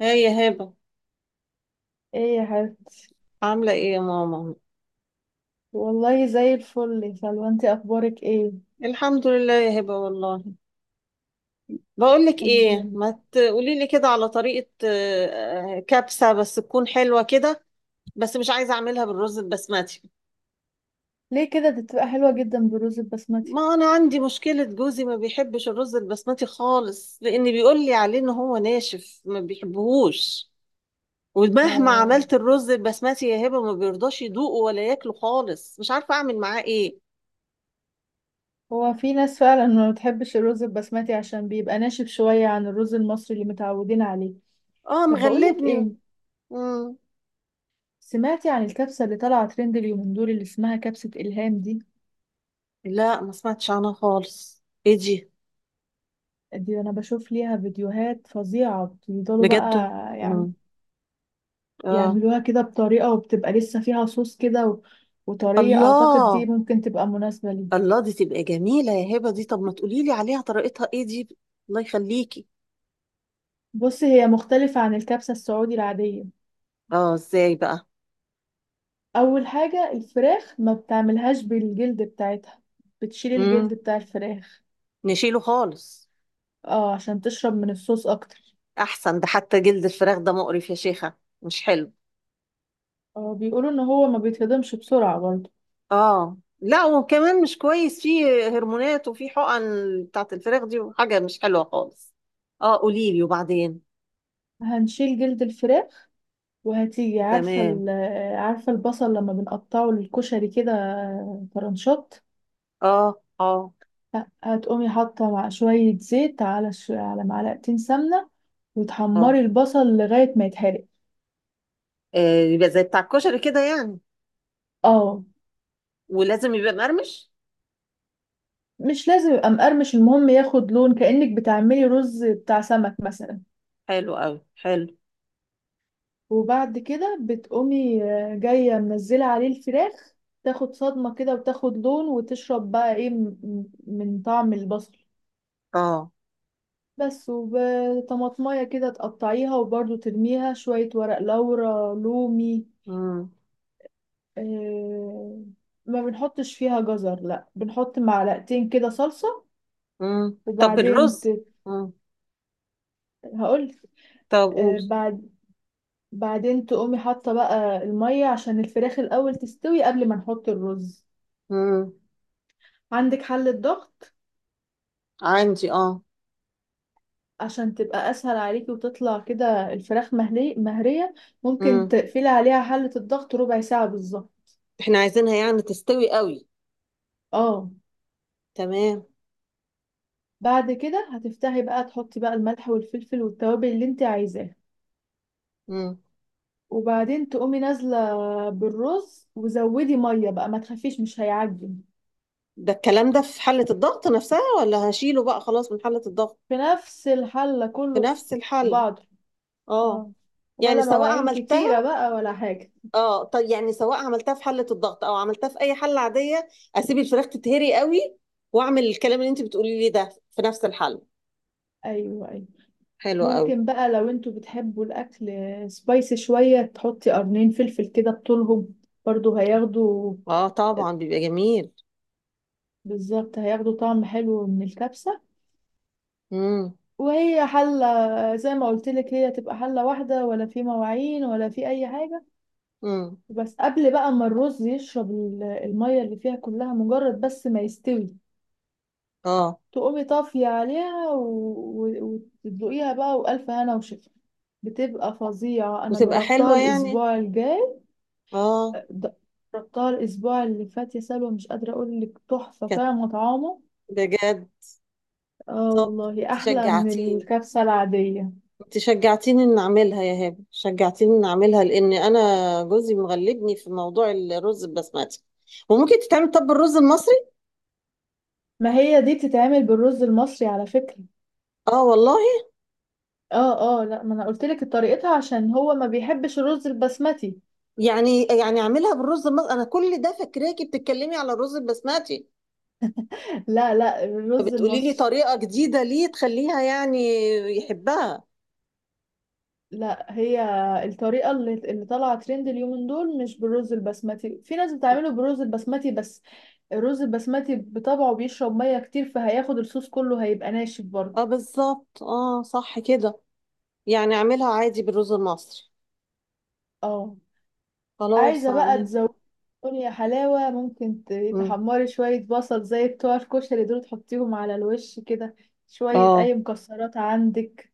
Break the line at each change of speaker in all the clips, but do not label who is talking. هاي يا هبة.
ايه يا حبيبتي.
عاملة ايه يا ماما؟
والله زي الفل يا سلوى، انت اخبارك ايه؟
الحمد لله يا هبة والله. بقولك
الحمد
ايه،
لله.
ما تقولي لي كده على طريقة كبسة بس تكون حلوة كده. بس مش عايزة اعملها بالرز البسمتي.
ليه كده؟ دي بتبقى حلوه جدا بالرز البسمتي.
ما انا عندي مشكلة، جوزي ما بيحبش الرز البسمتي خالص، لان بيقول لي عليه ان هو ناشف ما بيحبهوش. ومهما
اه،
عملت الرز البسمتي يا هبة، ما بيرضاش يدوقه ولا ياكله خالص، مش عارفة اعمل معاه ايه.
هو في ناس فعلا ما بتحبش الرز البسمتي عشان بيبقى ناشف شويه عن الرز المصري اللي متعودين عليه.
اه،
طب بقولك
مغلبني.
ايه،
مم.
سمعتي عن الكبسه اللي طالعه ترند اليومين دول اللي اسمها كبسه الهام دي؟
لا، ما سمعتش عنها خالص، ايه دي؟
دي انا بشوف ليها فيديوهات فظيعه بيفضلوا بقى
بجد؟
يعم-
امم. اه.
يعملوها كده بطريقه وبتبقى لسه فيها صوص كده وطريقة أعتقد دي
الله.
ممكن تبقى مناسبة لي.
الله، دي تبقى جميلة يا هبة. دي طب ما تقولي لي عليها، طريقتها ايه دي؟ الله يخليكي.
بص، هي مختلفة عن الكبسة السعودي العادية.
اه، ازاي بقى؟
أول حاجة الفراخ ما بتعملهاش بالجلد بتاعتها، بتشيل
امم.
الجلد بتاع الفراخ.
نشيله خالص.
اه، عشان تشرب من الصوص أكتر.
احسن، ده حتى جلد الفراخ ده مقرف يا شيخة، مش حلو.
اه، بيقولوا إن هو ما بيتهضمش بسرعة برضه.
اه. لا، وكمان مش كويس، فيه هرمونات وفيه حقن بتاعت الفراخ دي، وحاجة مش حلوة خالص. اه، قولي لي وبعدين.
هنشيل جلد الفراخ، وهتيجي
تمام.
عارفة البصل لما بنقطعه للكشري كده، طرنشات.
اه، اه.
هتقومي حاطة مع شوية زيت على على معلقتين سمنة
اه.
وتحمري البصل لغاية ما يتحرق.
آه، يبقى زي بتاع الكشري كده يعني.
اه،
ولازم يبقى مقرمش؟
مش لازم يبقى مقرمش، المهم ياخد لون كأنك بتعملي رز بتاع سمك مثلا.
حلو قوي، حلو.
وبعد كده بتقومي جاية منزلة عليه الفراخ، تاخد صدمة كده وتاخد لون وتشرب بقى ايه من طعم البصل.
اه.
بس وطماطمية كده تقطعيها وبرضو ترميها شوية ورق لورا لومي.
امم.
آه، ما بنحطش فيها جزر، لا بنحط معلقتين كده صلصة.
امم، طب
وبعدين
الرز؟ امم.
هقول.
طب، قول.
آه، بعد بعدين تقومي حاطة بقى المية عشان الفراخ الأول تستوي قبل ما نحط الرز.
امم.
عندك حلة ضغط
عندي، اه.
عشان تبقى أسهل عليكي وتطلع كده الفراخ مهرية. ممكن
امم.
تقفلي عليها حلة الضغط ربع ساعة بالظبط.
احنا عايزينها يعني تستوي قوي؟
اه.
تمام.
بعد كده هتفتحي بقى تحطي بقى الملح والفلفل والتوابل اللي انت عايزاها،
امم.
وبعدين تقومي نازلة بالرز وزودي مية بقى، ما تخافيش مش هيعجن.
ده الكلام ده في حلة الضغط نفسها، ولا هشيله بقى خلاص من حلة الضغط؟
في نفس الحلة
في
كله في
نفس الحل.
بعض.
اه.
اه،
يعني
ولا
سواء
مواعين كتيرة
عملتها،
بقى ولا حاجة.
اه، طب يعني سواء عملتها في حله الضغط او عملتها في اي حله عاديه، اسيب الفراخ تتهري قوي، واعمل الكلام اللي انت بتقولي لي ده في نفس الحله؟
ايوه، ايوه.
حلو قوي.
ممكن بقى لو انتوا بتحبوا الاكل سبايسي شوية تحطي قرنين فلفل كده بطولهم، برضو هياخدوا.
اه، طبعا بيبقى جميل.
بالظبط، هياخدوا طعم حلو من الكبسة.
امم.
وهي حلة، زي ما قلت لك، هي تبقى حلة واحدة ولا في مواعين ولا في أي حاجة.
امم.
بس قبل بقى ما الرز يشرب المية اللي فيها كلها، مجرد بس ما يستوي
اه.
تقومي طافية عليها وتدوقيها بقى، وألف هنا وشفا. بتبقى فظيعة، أنا
وتبقى
جربتها
حلوه يعني؟
الأسبوع الجاي.
اه.
د- جربتها الأسبوع اللي فات يا سلوى، مش قادرة أقول لك تحفة،
كانت؟
طعم طعامه.
بجد؟
اه
طب
والله،
انت
أحلى من
شجعتيني.
الكبسة العادية.
انت شجعتيني ان اعملها يا هبه، شجعتيني ان اعملها لان انا جوزي مغلبني في موضوع الرز البسمتي. وممكن تتعمل طب الرز المصري؟
ما هي دي بتتعمل بالرز المصري على فكرة.
اه، والله.
اه، اه، لا، ما انا قلت لك طريقتها عشان هو ما بيحبش الرز البسمتي.
يعني اعملها بالرز المصري؟ انا كل ده فاكراكي بتتكلمي على الرز البسمتي،
لا، لا، الرز
فبتقولي لي
المصري.
طريقة جديدة ليه تخليها يعني يحبها.
لا، هي الطريقة اللي طالعة ترند اليومين دول مش بالرز البسمتي، في ناس بتعمله بالرز البسمتي بس. الرز البسمتي بطبعه بيشرب مية كتير فهياخد الصوص كله، هيبقى ناشف برضه.
اه، بالظبط. اه، صح كده. يعني اعملها عادي بالرز المصري.
اه،
خلاص،
عايزة بقى
اعمل.
تزودي يا حلاوة ممكن
مم.
تحمري شوية بصل زي بتوع الكشري دول تحطيهم على الوش كده، شوية
اه،
أي مكسرات عندك.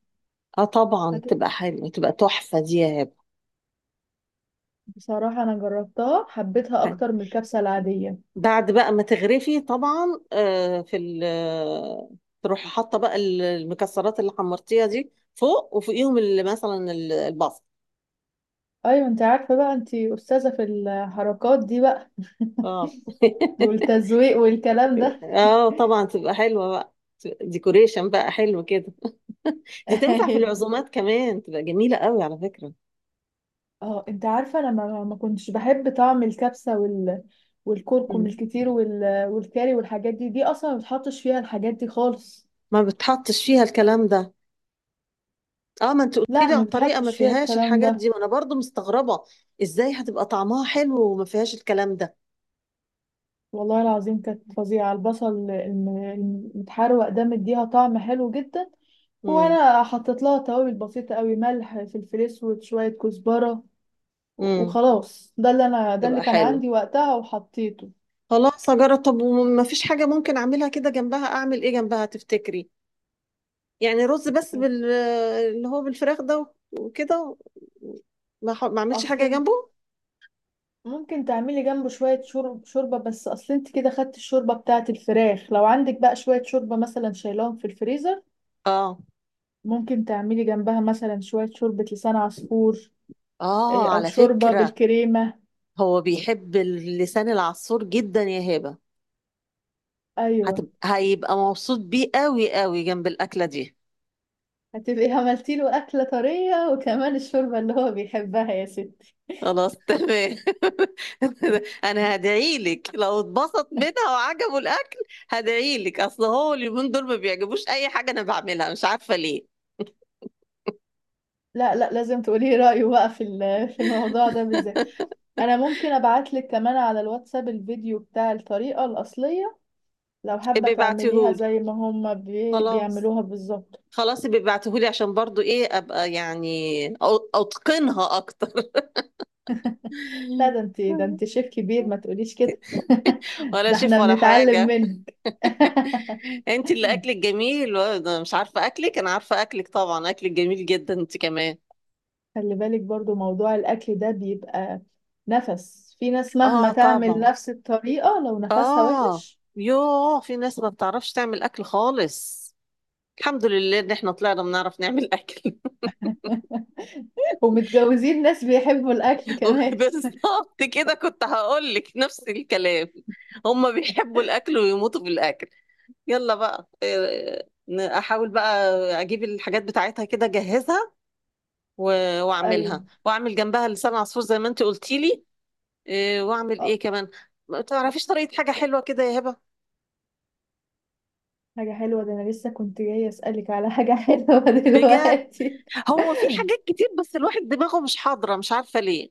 اه، طبعا
هت...
تبقى حلوة، تبقى تحفة دي يا هبة.
بصراحة أنا جربتها حبيتها
حلو.
أكتر من الكبسة العادية.
بعد بقى ما تغرفي طبعا، آه في ال آه، تروحي حاطة بقى المكسرات اللي حمرتيها دي فوق، وفوقيهم اللي مثلا البصل.
أيوة، أنت عارفة بقى، أنت أستاذة في الحركات دي بقى،
اه.
والتزويق والكلام ده.
اه، طبعا تبقى حلوة بقى. ديكوريشن بقى حلو كده. دي تنفع في العزومات كمان، تبقى جميلة قوي على فكرة.
اه، انت عارفه انا ما كنتش بحب طعم الكبسه والكركم
مم.
الكتير والكاري والحاجات دي اصلا ما بتحطش فيها الحاجات دي خالص.
ما بتحطش فيها الكلام ده. اه، ما انت قلت
لا،
لي على
ما
الطريقة ما
بتحطش فيها
فيهاش
الكلام
الحاجات
ده.
دي، وانا برضو مستغربة. ازاي هتبقى طعمها حلو وما فيهاش الكلام ده؟
والله العظيم، كانت فظيعه، البصل المتحروق ده مديها طعم حلو جدا.
امم.
وانا حطيت لها توابل بسيطه قوي، ملح فلفل اسود شويه كزبره،
امم،
وخلاص. ده اللي
تبقى
كان عندي
حلو.
وقتها وحطيته.
خلاص، هجرب. طب، وما فيش حاجة ممكن اعملها كده جنبها؟ اعمل ايه جنبها تفتكري؟ يعني رز بس بال، اللي هو بالفراخ ده، وكده. ما اعملش حاجة
اصلا
جنبه؟
ممكن تعملي جنبه شوية شوربة، بس أصل أنت كده خدت الشوربة بتاعة الفراخ، لو عندك بقى شوية شوربة مثلا شايلاهم في الفريزر
اه.
ممكن تعملي جنبها مثلا شوية شوربة لسان عصفور.
اه،
أو
على
شوربة
فكرة
بالكريمة.
هو بيحب اللسان العصفور جدا يا هبة.
أيوة،
هيبقى مبسوط بيه قوي قوي جنب الأكلة دي.
هتبقي عملتي له أكلة طرية وكمان الشوربة اللي هو بيحبها يا ستي.
خلاص، تمام. انا هدعي لك لو اتبسط منها وعجبه الاكل. هدعي لك، اصل هو اليومين دول ما بيعجبوش اي حاجه انا بعملها، مش عارفه ليه.
لا، لا، لازم تقولي رأيه بقى في في الموضوع ده بالذات. أنا ممكن أبعتلك كمان على الواتساب الفيديو بتاع الطريقة الأصلية، لو حابة
ابقي
تعمليها
بعتيهولي.
زي ما هم
خلاص.
بيعملوها بالظبط.
خلاص ابقي بعتيهولي عشان برضو ايه ابقى يعني اتقنها اكتر.
لا، ده انت ده انت شيف كبير، ما تقوليش كده.
ولا
ده
شيف
احنا
ولا
بنتعلم
حاجه.
منك.
انت اللي اكلك جميل، وانا مش عارفه اكلك، انا عارفه اكلك طبعا، اكلك جميل جدا انت كمان.
خلي بالك برضو موضوع الأكل ده بيبقى نفس، في ناس مهما
اه،
تعمل
طبعا.
نفس الطريقة لو نفسها
اه.
وحش.
يوه، في ناس ما بتعرفش تعمل اكل خالص. الحمد لله ان احنا طلعنا بنعرف نعمل اكل.
ومتجوزين ناس بيحبوا الأكل كمان.
بالظبط كده، كنت هقول لك نفس الكلام. هم بيحبوا الاكل ويموتوا بالاكل. يلا بقى، احاول بقى اجيب الحاجات بتاعتها كده اجهزها، واعملها
أيوة.
واعمل جنبها لسان عصفور زي ما انت قلتي لي. إيه، واعمل
آه،
ايه كمان؟ ما تعرفيش طريقة حاجة حلوة كده يا هبة؟
حاجة حلوة، ده أنا لسه كنت جاية أسألك على حاجة حلوة
بجد.
دلوقتي.
هو في حاجات كتير بس الواحد دماغه مش حاضرة، مش عارفة ليه.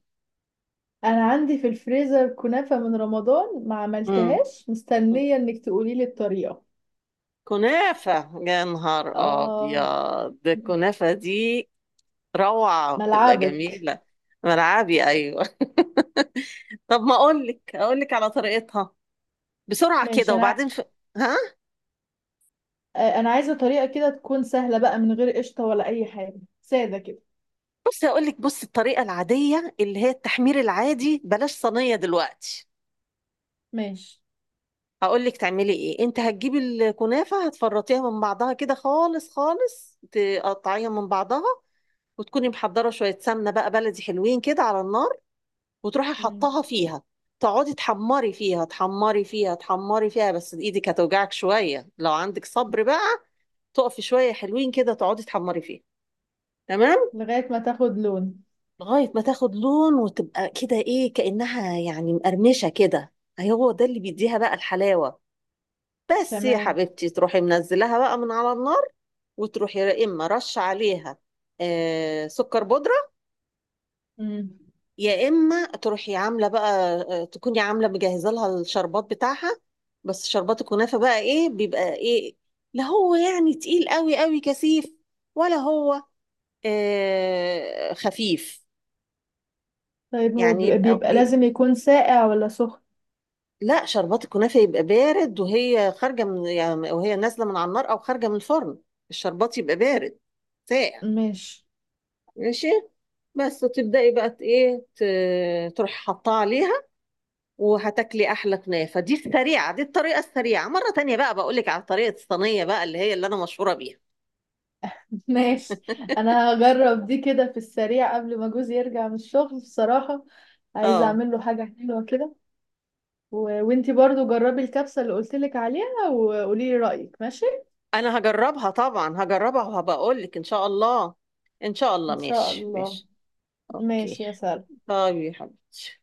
انا عندي في الفريزر كنافة من رمضان ما
امم.
عملتهاش مستنية انك تقولي لي الطريقة.
كنافة. يا نهار
اه،
أبيض. ده الكنافة دي روعة، بتبقى
ملعبك.
جميلة. ملعبي، أيوة. طب، ما أقولك على طريقتها بسرعة
ماشي.
كده
انا
وبعدين ها؟
انا عايزة طريقة كده تكون سهلة بقى من غير قشطة ولا اي حاجة سادة كده.
بصي أقولك، بص الطريقة العادية اللي هي التحمير العادي، بلاش صينية دلوقتي.
ماشي.
هقول لك تعملي ايه. انت هتجيبي الكنافه، هتفرطيها من بعضها كده خالص خالص، تقطعيها من بعضها، وتكوني محضره شويه سمنه بقى بلدي حلوين كده على النار، وتروحي
مم.
حطها فيها. تقعدي تحمري فيها تحمري فيها تحمري فيها، بس ايدك هتوجعك شويه. لو عندك صبر بقى تقفي شويه حلوين كده، تقعدي تحمري فيها. تمام.
لغاية ما تاخد لون.
لغايه ما تاخد لون وتبقى كده ايه، كانها يعني مقرمشه كده. هو ده اللي بيديها بقى الحلاوه. بس يا
تمام.
حبيبتي تروحي منزلها بقى من على النار، وتروحي يا اما رش عليها سكر بودره،
مم.
يا اما تروحي عامله بقى تكوني عامله مجهزه لها الشربات بتاعها. بس شربات الكنافه بقى ايه بيبقى ايه؟ لا هو يعني تقيل قوي قوي كثيف، ولا هو خفيف؟
طيب، هو
يعني يبقى
بيبقى
إيه؟
لازم يكون ساقع ولا سخن؟
لا، شربات الكنافه يبقى بارد وهي خارجه من، يعني وهي نازله من على النار او خارجه من الفرن، الشربات يبقى بارد، ساقع.
ماشي.
ماشي. بس تبدأي بقى ايه تروحي حطها عليها، وهتاكلي احلى كنافة. دي السريعة، دي الطريقة السريعة. مرة تانية بقى بقولك على طريقة الصينية بقى اللي هي اللي انا مشهورة بيها.
ماشي، انا هجرب دي كده في السريع قبل ما جوزي يرجع من الشغل بصراحة، عايزة
اه،
اعمل له حاجة حلوة كده. وانتي برضو جربي الكبسة اللي قلتلك عليها وقولي لي رأيك، ماشي.
انا هجربها طبعا، هجربها وهبقولك ان شاء الله. ان شاء الله،
ان شاء
ماشي،
الله.
ماشي. اوكي.
ماشي يا سلام.
طيب يا حبيبتي.